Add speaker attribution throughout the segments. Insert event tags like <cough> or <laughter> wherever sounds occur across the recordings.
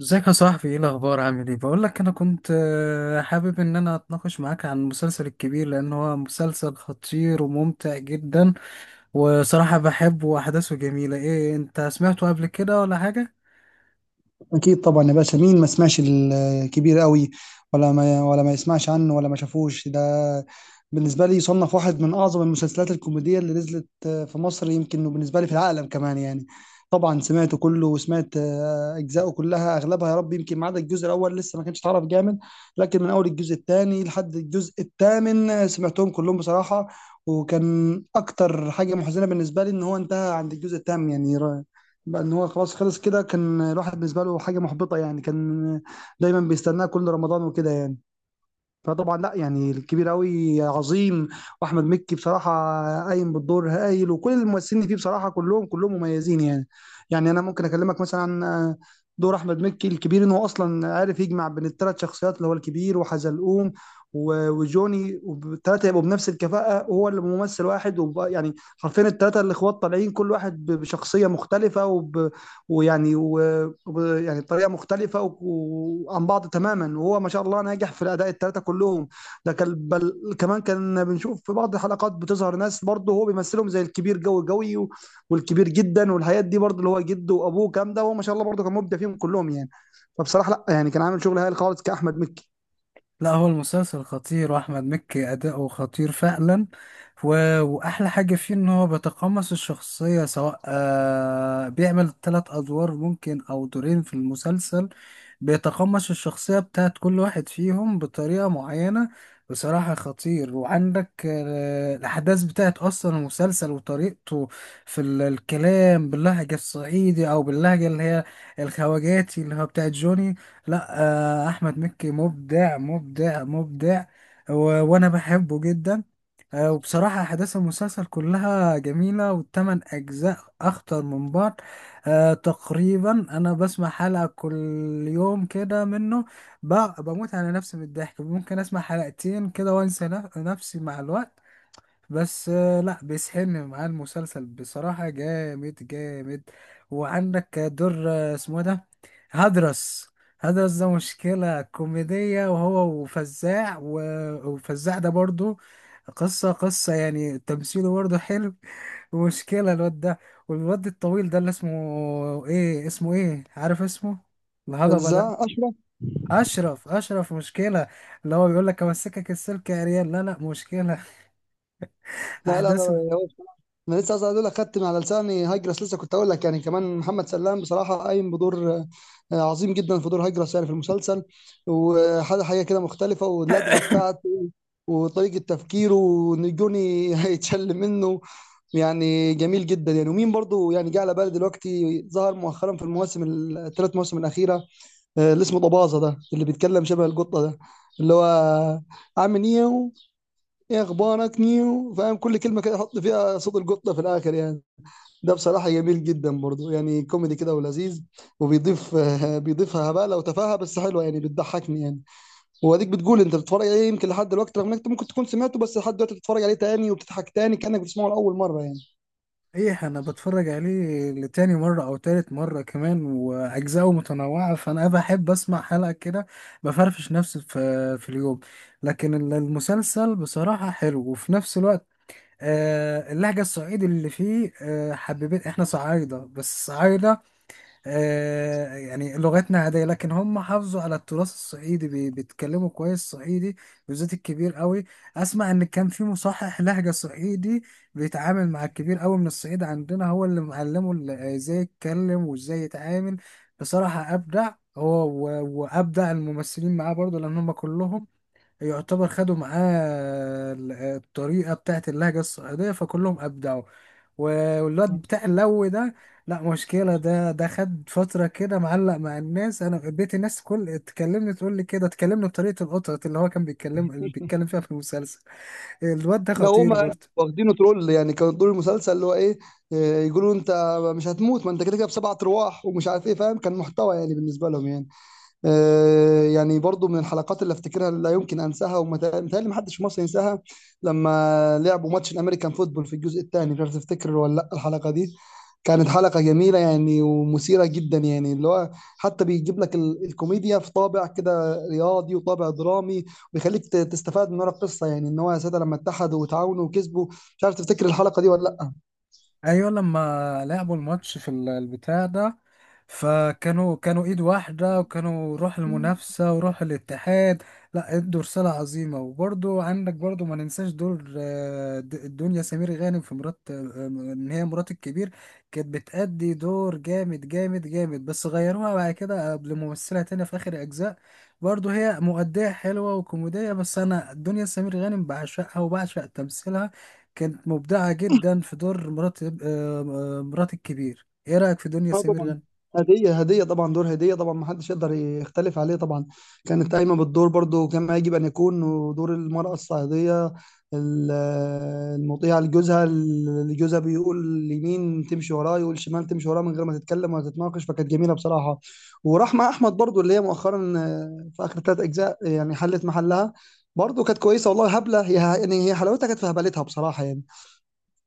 Speaker 1: ازيك يا صاحبي؟ ايه الاخبار؟ عامل ايه؟ بقول لك انا كنت حابب ان انا اتناقش معاك عن المسلسل الكبير، لان هو مسلسل خطير وممتع جدا. وصراحة بحبه واحداثه جميلة. ايه انت سمعته قبل كده ولا حاجة؟
Speaker 2: اكيد طبعا يا باشا، مين ما سمعش الكبير قوي ولا ما يسمعش عنه ولا ما شافوش ده. بالنسبه لي، يصنف واحد من اعظم المسلسلات الكوميديه اللي نزلت في مصر يمكن، وبالنسبه لي في العالم كمان يعني. طبعا سمعته كله وسمعت اجزائه كلها اغلبها يا رب، يمكن ما عدا الجزء الاول لسه ما كانش اتعرف جامد. لكن من اول الجزء الثاني لحد الجزء الثامن سمعتهم كلهم بصراحه. وكان اكتر حاجه محزنه بالنسبه لي ان هو انتهى عند الجزء الثامن يعني. بقى ان هو خلاص خلص كده، كان الواحد بالنسبه له حاجه محبطه يعني، كان دايما بيستناه كل رمضان وكده يعني. فطبعا لا يعني، الكبير قوي عظيم، واحمد مكي بصراحه قايم بالدور هايل، وكل الممثلين اللي فيه بصراحه كلهم كلهم مميزين يعني. يعني انا ممكن اكلمك مثلا عن دور احمد مكي الكبير، ان هو اصلا عارف يجمع بين الثلاث شخصيات اللي هو الكبير وحزلقوم وجوني، والثلاثه يبقوا بنفس الكفاءه، هو اللي ممثل واحد يعني حرفيا الثلاثه الاخوات طالعين، كل واحد بشخصيه مختلفه وب ويعني و... و- يعني طريقه مختلفه وعن بعض تماما، وهو ما شاء الله ناجح في الاداء الثلاثه كلهم. ده كان كمان كان بنشوف في بعض الحلقات بتظهر ناس برضه هو بيمثلهم، زي الكبير جوي جوي والكبير جدا، والحاجات دي برضه اللي هو جده وابوه كام ده، وهو ما شاء الله برضه كان مبدع فيهم كلهم يعني. فبصراحه لا يعني، كان عامل شغل هايل خالص كاحمد مكي.
Speaker 1: لا، هو المسلسل خطير واحمد مكي اداؤه خطير فعلا. واحلى حاجه فيه ان هو بيتقمص الشخصيه، سواء بيعمل 3 ادوار ممكن او دورين في المسلسل. بيتقمص الشخصيه بتاعت كل واحد فيهم بطريقه معينه. بصراحه خطير. وعندك الاحداث بتاعت اصلا المسلسل وطريقته في الكلام باللهجه الصعيدي او باللهجه اللي هي الخواجاتي اللي هو بتاعت جوني. لا. احمد مكي مبدع مبدع مبدع. و... وانا بحبه جدا. وبصراحة أحداث المسلسل كلها جميلة والتمن أجزاء أخطر من بعض. أه، تقريبا. أنا بسمع حلقة كل يوم كده منه. بموت على نفسي من الضحك. ممكن أسمع حلقتين كده وأنسى نفسي مع الوقت. بس لا، بيسحلني معاه المسلسل بصراحة جامد جامد. وعندك دور اسمه ده هدرس. هدرس ده مشكلة كوميدية، وهو وفزاع وفزاع ده برضو قصة قصة يعني، تمثيله برضو حلو. ومشكلة الواد ده. والواد الطويل ده اللي اسمه ايه، اسمه ايه، عارف اسمه؟ الهضبة ده.
Speaker 2: ازاي اشرف؟
Speaker 1: أشرف، أشرف مشكلة. اللي هو بيقول لك: أمسكك السلك يا ريال، لا لا، مشكلة. <laughs>
Speaker 2: لا لا لا
Speaker 1: أحداث.
Speaker 2: لا، هو بصراحة انا لسه عايز اقول لك، خدت من على لساني هاجرس، لسه كنت اقول لك يعني، كمان محمد سلام بصراحه قايم بدور عظيم جدا في دور هاجرس يعني في المسلسل. وحاجه حاجه كده مختلفه، واللدغه بتاعته وطريقه تفكيره، وان جوني <laughs> هيتشل منه يعني. جميل جدا يعني، ومين برضو يعني جه على بالي دلوقتي، ظهر مؤخرا في المواسم الثلاث مواسم الاخيره، اللي اسمه طبازه ده، اللي بيتكلم شبه القطه ده، اللي هو عامل ايه، ايه اخبارك نيو، فاهم كل كلمه كده يحط فيها صوت القطه في الاخر يعني. ده بصراحه جميل جدا برضو يعني، كوميدي كده ولذيذ، وبيضيف <laughs> بيضيفها هبالة وتفاهه، بس حلوه يعني بتضحكني يعني. واديك بتقول انت بتتفرج عليه يمكن لحد دلوقتي، رغم انك أنت ممكن تكون سمعته، بس لحد دلوقتي بتتفرج عليه تاني وبتضحك تاني كانك بتسمعه لاول مره يعني.
Speaker 1: ايه، انا بتفرج عليه لتاني مرة او تالت مرة كمان، واجزاءه متنوعة، فانا بحب اسمع حلقة كده، بفرفش نفسي في اليوم. لكن المسلسل بصراحة حلو، وفي نفس الوقت اللهجة الصعيدي اللي فيه، حبيبين، احنا صعايدة بس صعايدة. يعني لغتنا عادية، لكن هم حافظوا على التراث الصعيدي، بيتكلموا كويس صعيدي، بالذات الكبير قوي. اسمع، ان كان في مصحح لهجة صعيدي بيتعامل مع الكبير قوي من الصعيد عندنا، هو اللي معلمه ازاي يتكلم وازاي يتعامل. بصراحة ابدع هو وابدع الممثلين معاه برضه، لان هم كلهم يعتبر خدوا معاه الطريقة بتاعت اللهجة الصعيدية، فكلهم أبدعوا. والواد بتاع اللو ده، لا مشكلة. ده خد فترة كده معلق مع الناس، أنا بقيت الناس كل تكلمني تقول لي كده، تكلمني بطريقة القطط اللي هو كان بيتكلم اللي بيتكلم فيها في المسلسل. الواد ده
Speaker 2: ده
Speaker 1: خطير
Speaker 2: هما
Speaker 1: برضه.
Speaker 2: واخدينه ترول يعني، كانوا طول المسلسل اللي هو ايه، يقولوا انت مش هتموت، ما انت كده كده بسبعة ارواح ومش عارف ايه، فاهم كان محتوى يعني بالنسبه لهم يعني. يعني برضو من الحلقات اللي افتكرها اللي لا يمكن انساها، ومتهيألي محدش في مصر ينساها، لما لعبوا ماتش الامريكان فوتبول في الجزء الثاني، مش عارف تفتكر ولا لا الحلقه دي. كانت حلقه جميله يعني ومثيره جدا يعني، اللي هو حتى بيجيب لك الكوميديا في طابع كده رياضي وطابع درامي، ويخليك تستفاد من ورا القصه يعني، ان هو يا ساده لما اتحدوا وتعاونوا وكسبوا. مش عارف تفتكر الحلقه دي ولا لا.
Speaker 1: ايوه، لما لعبوا الماتش في البتاع ده، فكانوا ايد واحده، وكانوا روح المنافسه وروح الاتحاد. لا، ادوا رساله عظيمه. وبرضو عندك، برضو ما ننساش دور الدنيا سمير غانم في مرات ان هي مرات الكبير. كانت بتأدي دور جامد جامد جامد، بس غيروها بعد كده لممثله تانية في اخر اجزاء. برضو هي مؤديه حلوه وكوميديه، بس انا الدنيا سمير غانم بعشقها وبعشق تمثيلها. كانت مبدعة جدا في دور مرات مرات الكبير. ايه رأيك في دنيا
Speaker 2: اه
Speaker 1: سمير
Speaker 2: طبعا.
Speaker 1: غانم؟
Speaker 2: هدية طبعا، دور هدية طبعا، ما حدش يقدر يختلف عليه طبعا، كانت قايمة بالدور برضو كما يجب أن يكون، ودور المرأة الصعيدية ال- المطيعة لجوزها، اللي جوزها بيقول يمين تمشي وراه، يقول شمال تمشي وراه، من غير ما تتكلم ولا تتناقش، فكانت جميلة بصراحة. ورحمة أحمد برضو اللي هي مؤخرا في آخر ثلاث أجزاء يعني حلت محلها، برضو كانت كويسة والله، هبلة هي يعني، هي حلاوتها كانت في هبلتها بصراحة يعني.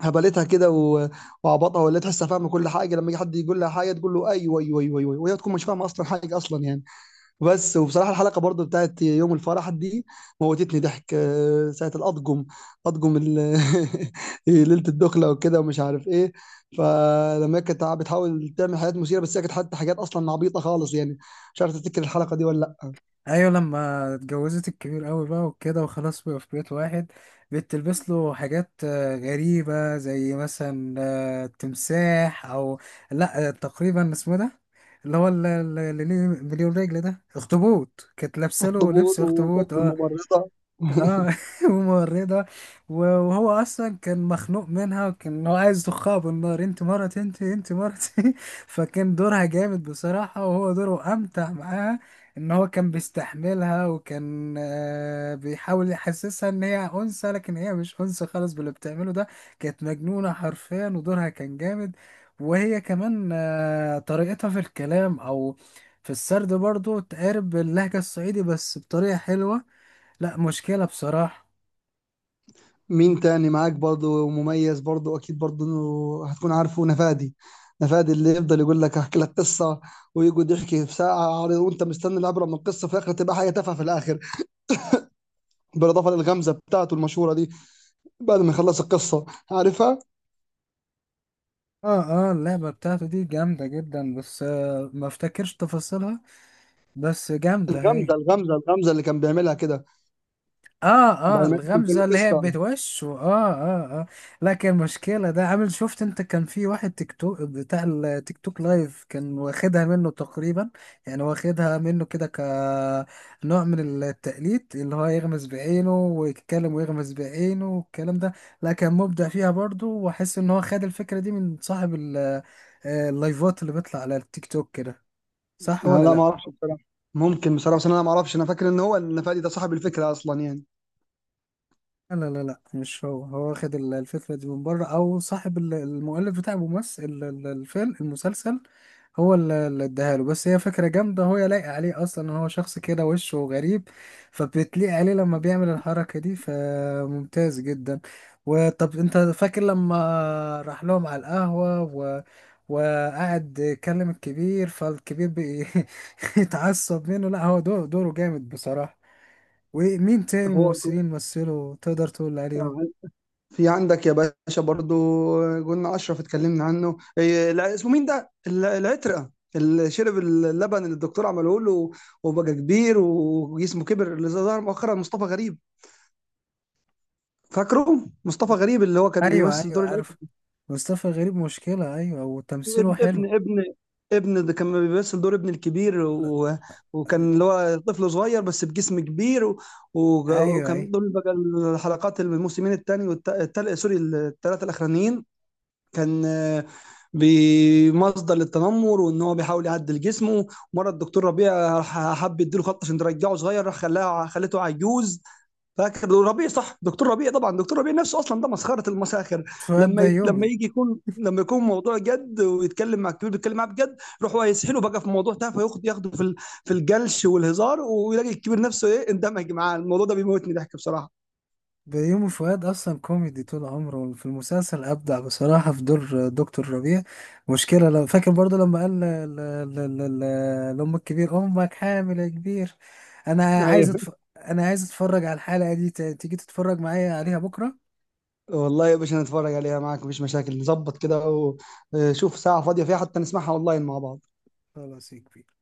Speaker 2: هبلتها كده وعبطها، ولا تحسها فاهمه كل حاجه، لما يجي حد يقول لها حاجه تقول له ايوه ايوه ايوه ايوه أيوة، وهي تكون مش فاهمه اصلا حاجه اصلا يعني. بس وبصراحه الحلقه برضو بتاعت يوم الفرح دي موتتني ضحك، ساعه الاطقم، اطقم ال- <laughs> ليله الدخله وكده ومش عارف ايه. فلما هي كانت بتحاول تعمل حاجات مثيره، بس هي كانت حتى حاجات اصلا عبيطه خالص يعني. مش عارف تفتكر الحلقه دي ولا لا.
Speaker 1: ايوه، لما اتجوزت الكبير قوي بقى وكده، وخلاص بقى في بيت واحد، بتلبس له حاجات غريبة، زي مثلا تمساح، او لا، تقريبا اسمه ده اللي هو اللي ليه مليون رجل، ده اخطبوط، كانت لابسه له
Speaker 2: اخطبوط
Speaker 1: لبس اخطبوط.
Speaker 2: وطق
Speaker 1: اه.
Speaker 2: الممرضه
Speaker 1: اه.
Speaker 2: <laughs>
Speaker 1: <laughs> ومورده. وهو اصلا كان مخنوق منها، وكان هو عايز يخها بالنار: انت مرتي، انت مرتي! <laughs> فكان دورها جامد بصراحه، وهو دوره امتع معاها، ان هو كان بيستحملها، وكان بيحاول يحسسها ان هي انثى، لكن هي مش انثى خالص باللي بتعمله ده. كانت مجنونه حرفيا، ودورها كان جامد. وهي كمان طريقتها في الكلام، او في السرد، برضو تقارب اللهجه الصعيدي بس بطريقه حلوه. لا مشكلة بصراحة.
Speaker 2: مين تاني معاك برضو مميز؟ برضو اكيد برضو انه هتكون عارفه، نفادي، نفادي اللي يفضل يقول لك احكي لك قصه، ويقعد يحكي في ساعه عريضة، وانت مستني العبره من القصه، في الاخر تبقى حاجه تافهه في الاخر، بالاضافه للغمزه بتاعته المشهوره دي بعد ما يخلص القصه، عارفها؟
Speaker 1: اه، اه، اللعبة بتاعته دي جامدة جدا، بس ما افتكرش تفاصيلها، بس جامدة هي.
Speaker 2: الغمزه الغمزه الغمزه اللي كان بيعملها كده
Speaker 1: اه، اه،
Speaker 2: بعد ما يحكي
Speaker 1: الغمزة
Speaker 2: كل
Speaker 1: اللي هي
Speaker 2: قصه.
Speaker 1: بتوش، واه اه اه اه. لكن المشكلة ده عامل، شفت انت كان في واحد تيك توك بتاع التيك توك لايف كان واخدها منه تقريبا، يعني واخدها منه كده كنوع من التقليد اللي هو يغمز بعينه ويتكلم ويغمز بعينه والكلام ده. لا، كان مبدع فيها برضو، واحس ان هو خد الفكرة دي من صاحب اللايفات اللي بيطلع على التيك توك كده. صح
Speaker 2: أنا
Speaker 1: ولا
Speaker 2: لا ما
Speaker 1: لا؟
Speaker 2: اعرفش بصراحه، ممكن بصراحه، بس انا ما اعرفش، انا فاكر ان هو نفادي ده صاحب الفكره اصلا يعني.
Speaker 1: لا، لا، لا، مش هو واخد الفكرة دي من بره، أو صاحب المؤلف بتاع الممثل الفيلم المسلسل. هو اللي اداها له، بس هي فكرة جامدة، هو لايق عليه أصلا إن هو شخص كده وشه غريب، فبتليق عليه لما بيعمل الحركة دي، فممتاز جدا. وطب أنت فاكر لما راح لهم على القهوة وقعد يكلم الكبير، فالكبير بيتعصب <laughs> منه؟ لا هو دوره جامد بصراحة. ومين تاني
Speaker 2: هو
Speaker 1: ممثلين مثلوا تقدر تقول عليهم؟
Speaker 2: في عندك يا باشا برضو، قلنا اشرف اتكلمنا عنه، إيه، لا، اسمه مين ده العترقه، اللي شرب اللبن اللي الدكتور عمله له وبقى كبير وجسمه كبر، اللي ظهر مؤخرا، مصطفى غريب، فاكره مصطفى غريب اللي هو كان
Speaker 1: ايوه،
Speaker 2: بيمثل
Speaker 1: ايوه،
Speaker 2: دور
Speaker 1: عارف.
Speaker 2: العترقه.
Speaker 1: مصطفى غريب مشكلة، ايوه، وتمثيله
Speaker 2: ابن
Speaker 1: حلو.
Speaker 2: ابن ابن ابن ده كان بيمثل دور ابن الكبير
Speaker 1: لا.
Speaker 2: وكان اللي هو طفل صغير بس بجسم كبير
Speaker 1: ايوه، ايوه.
Speaker 2: وكان دول بقى الحلقات الموسمين الثاني والثالث، سوري، الثلاثه الاخرانيين. كان بمصدر للتنمر، وان هو بيحاول يعدل جسمه، مره الدكتور ربيع راح حب يديله خط عشان ترجعه صغير، راح خلاها خلته عجوز. فاكر دكتور ربيع؟ صح، دكتور ربيع طبعا، دكتور ربيع نفسه اصلا ده مسخره المساخر.
Speaker 1: فؤاد
Speaker 2: لما يت... لما
Speaker 1: بيومي.
Speaker 2: يجي يكون لما يكون موضوع جد ويتكلم مع الكبير بيتكلم معاه بجد، يروح هو يسحله بقى في موضوع تافه، ياخده في في الجلش والهزار، ويلاقي الكبير نفسه ايه اندمج معاه الموضوع ده، بيموتني ضحك بصراحه.
Speaker 1: بيومي فؤاد اصلا كوميدي طول عمره. في المسلسل ابدع بصراحة في دور دكتور ربيع. مشكلة. لو فاكر برضو لما قال لام الكبير: امك حامل يا كبير. انا
Speaker 2: هي
Speaker 1: عايز أتف... انا عايز اتفرج على الحلقة دي تاني. تيجي تتفرج معايا عليها بكرة؟
Speaker 2: والله يا باشا نتفرج عليها معاك مفيش مشاكل، نظبط كده وشوف ساعة فاضية فيها، حتى نسمعها اونلاين مع بعض.
Speaker 1: خلاص يا كبير.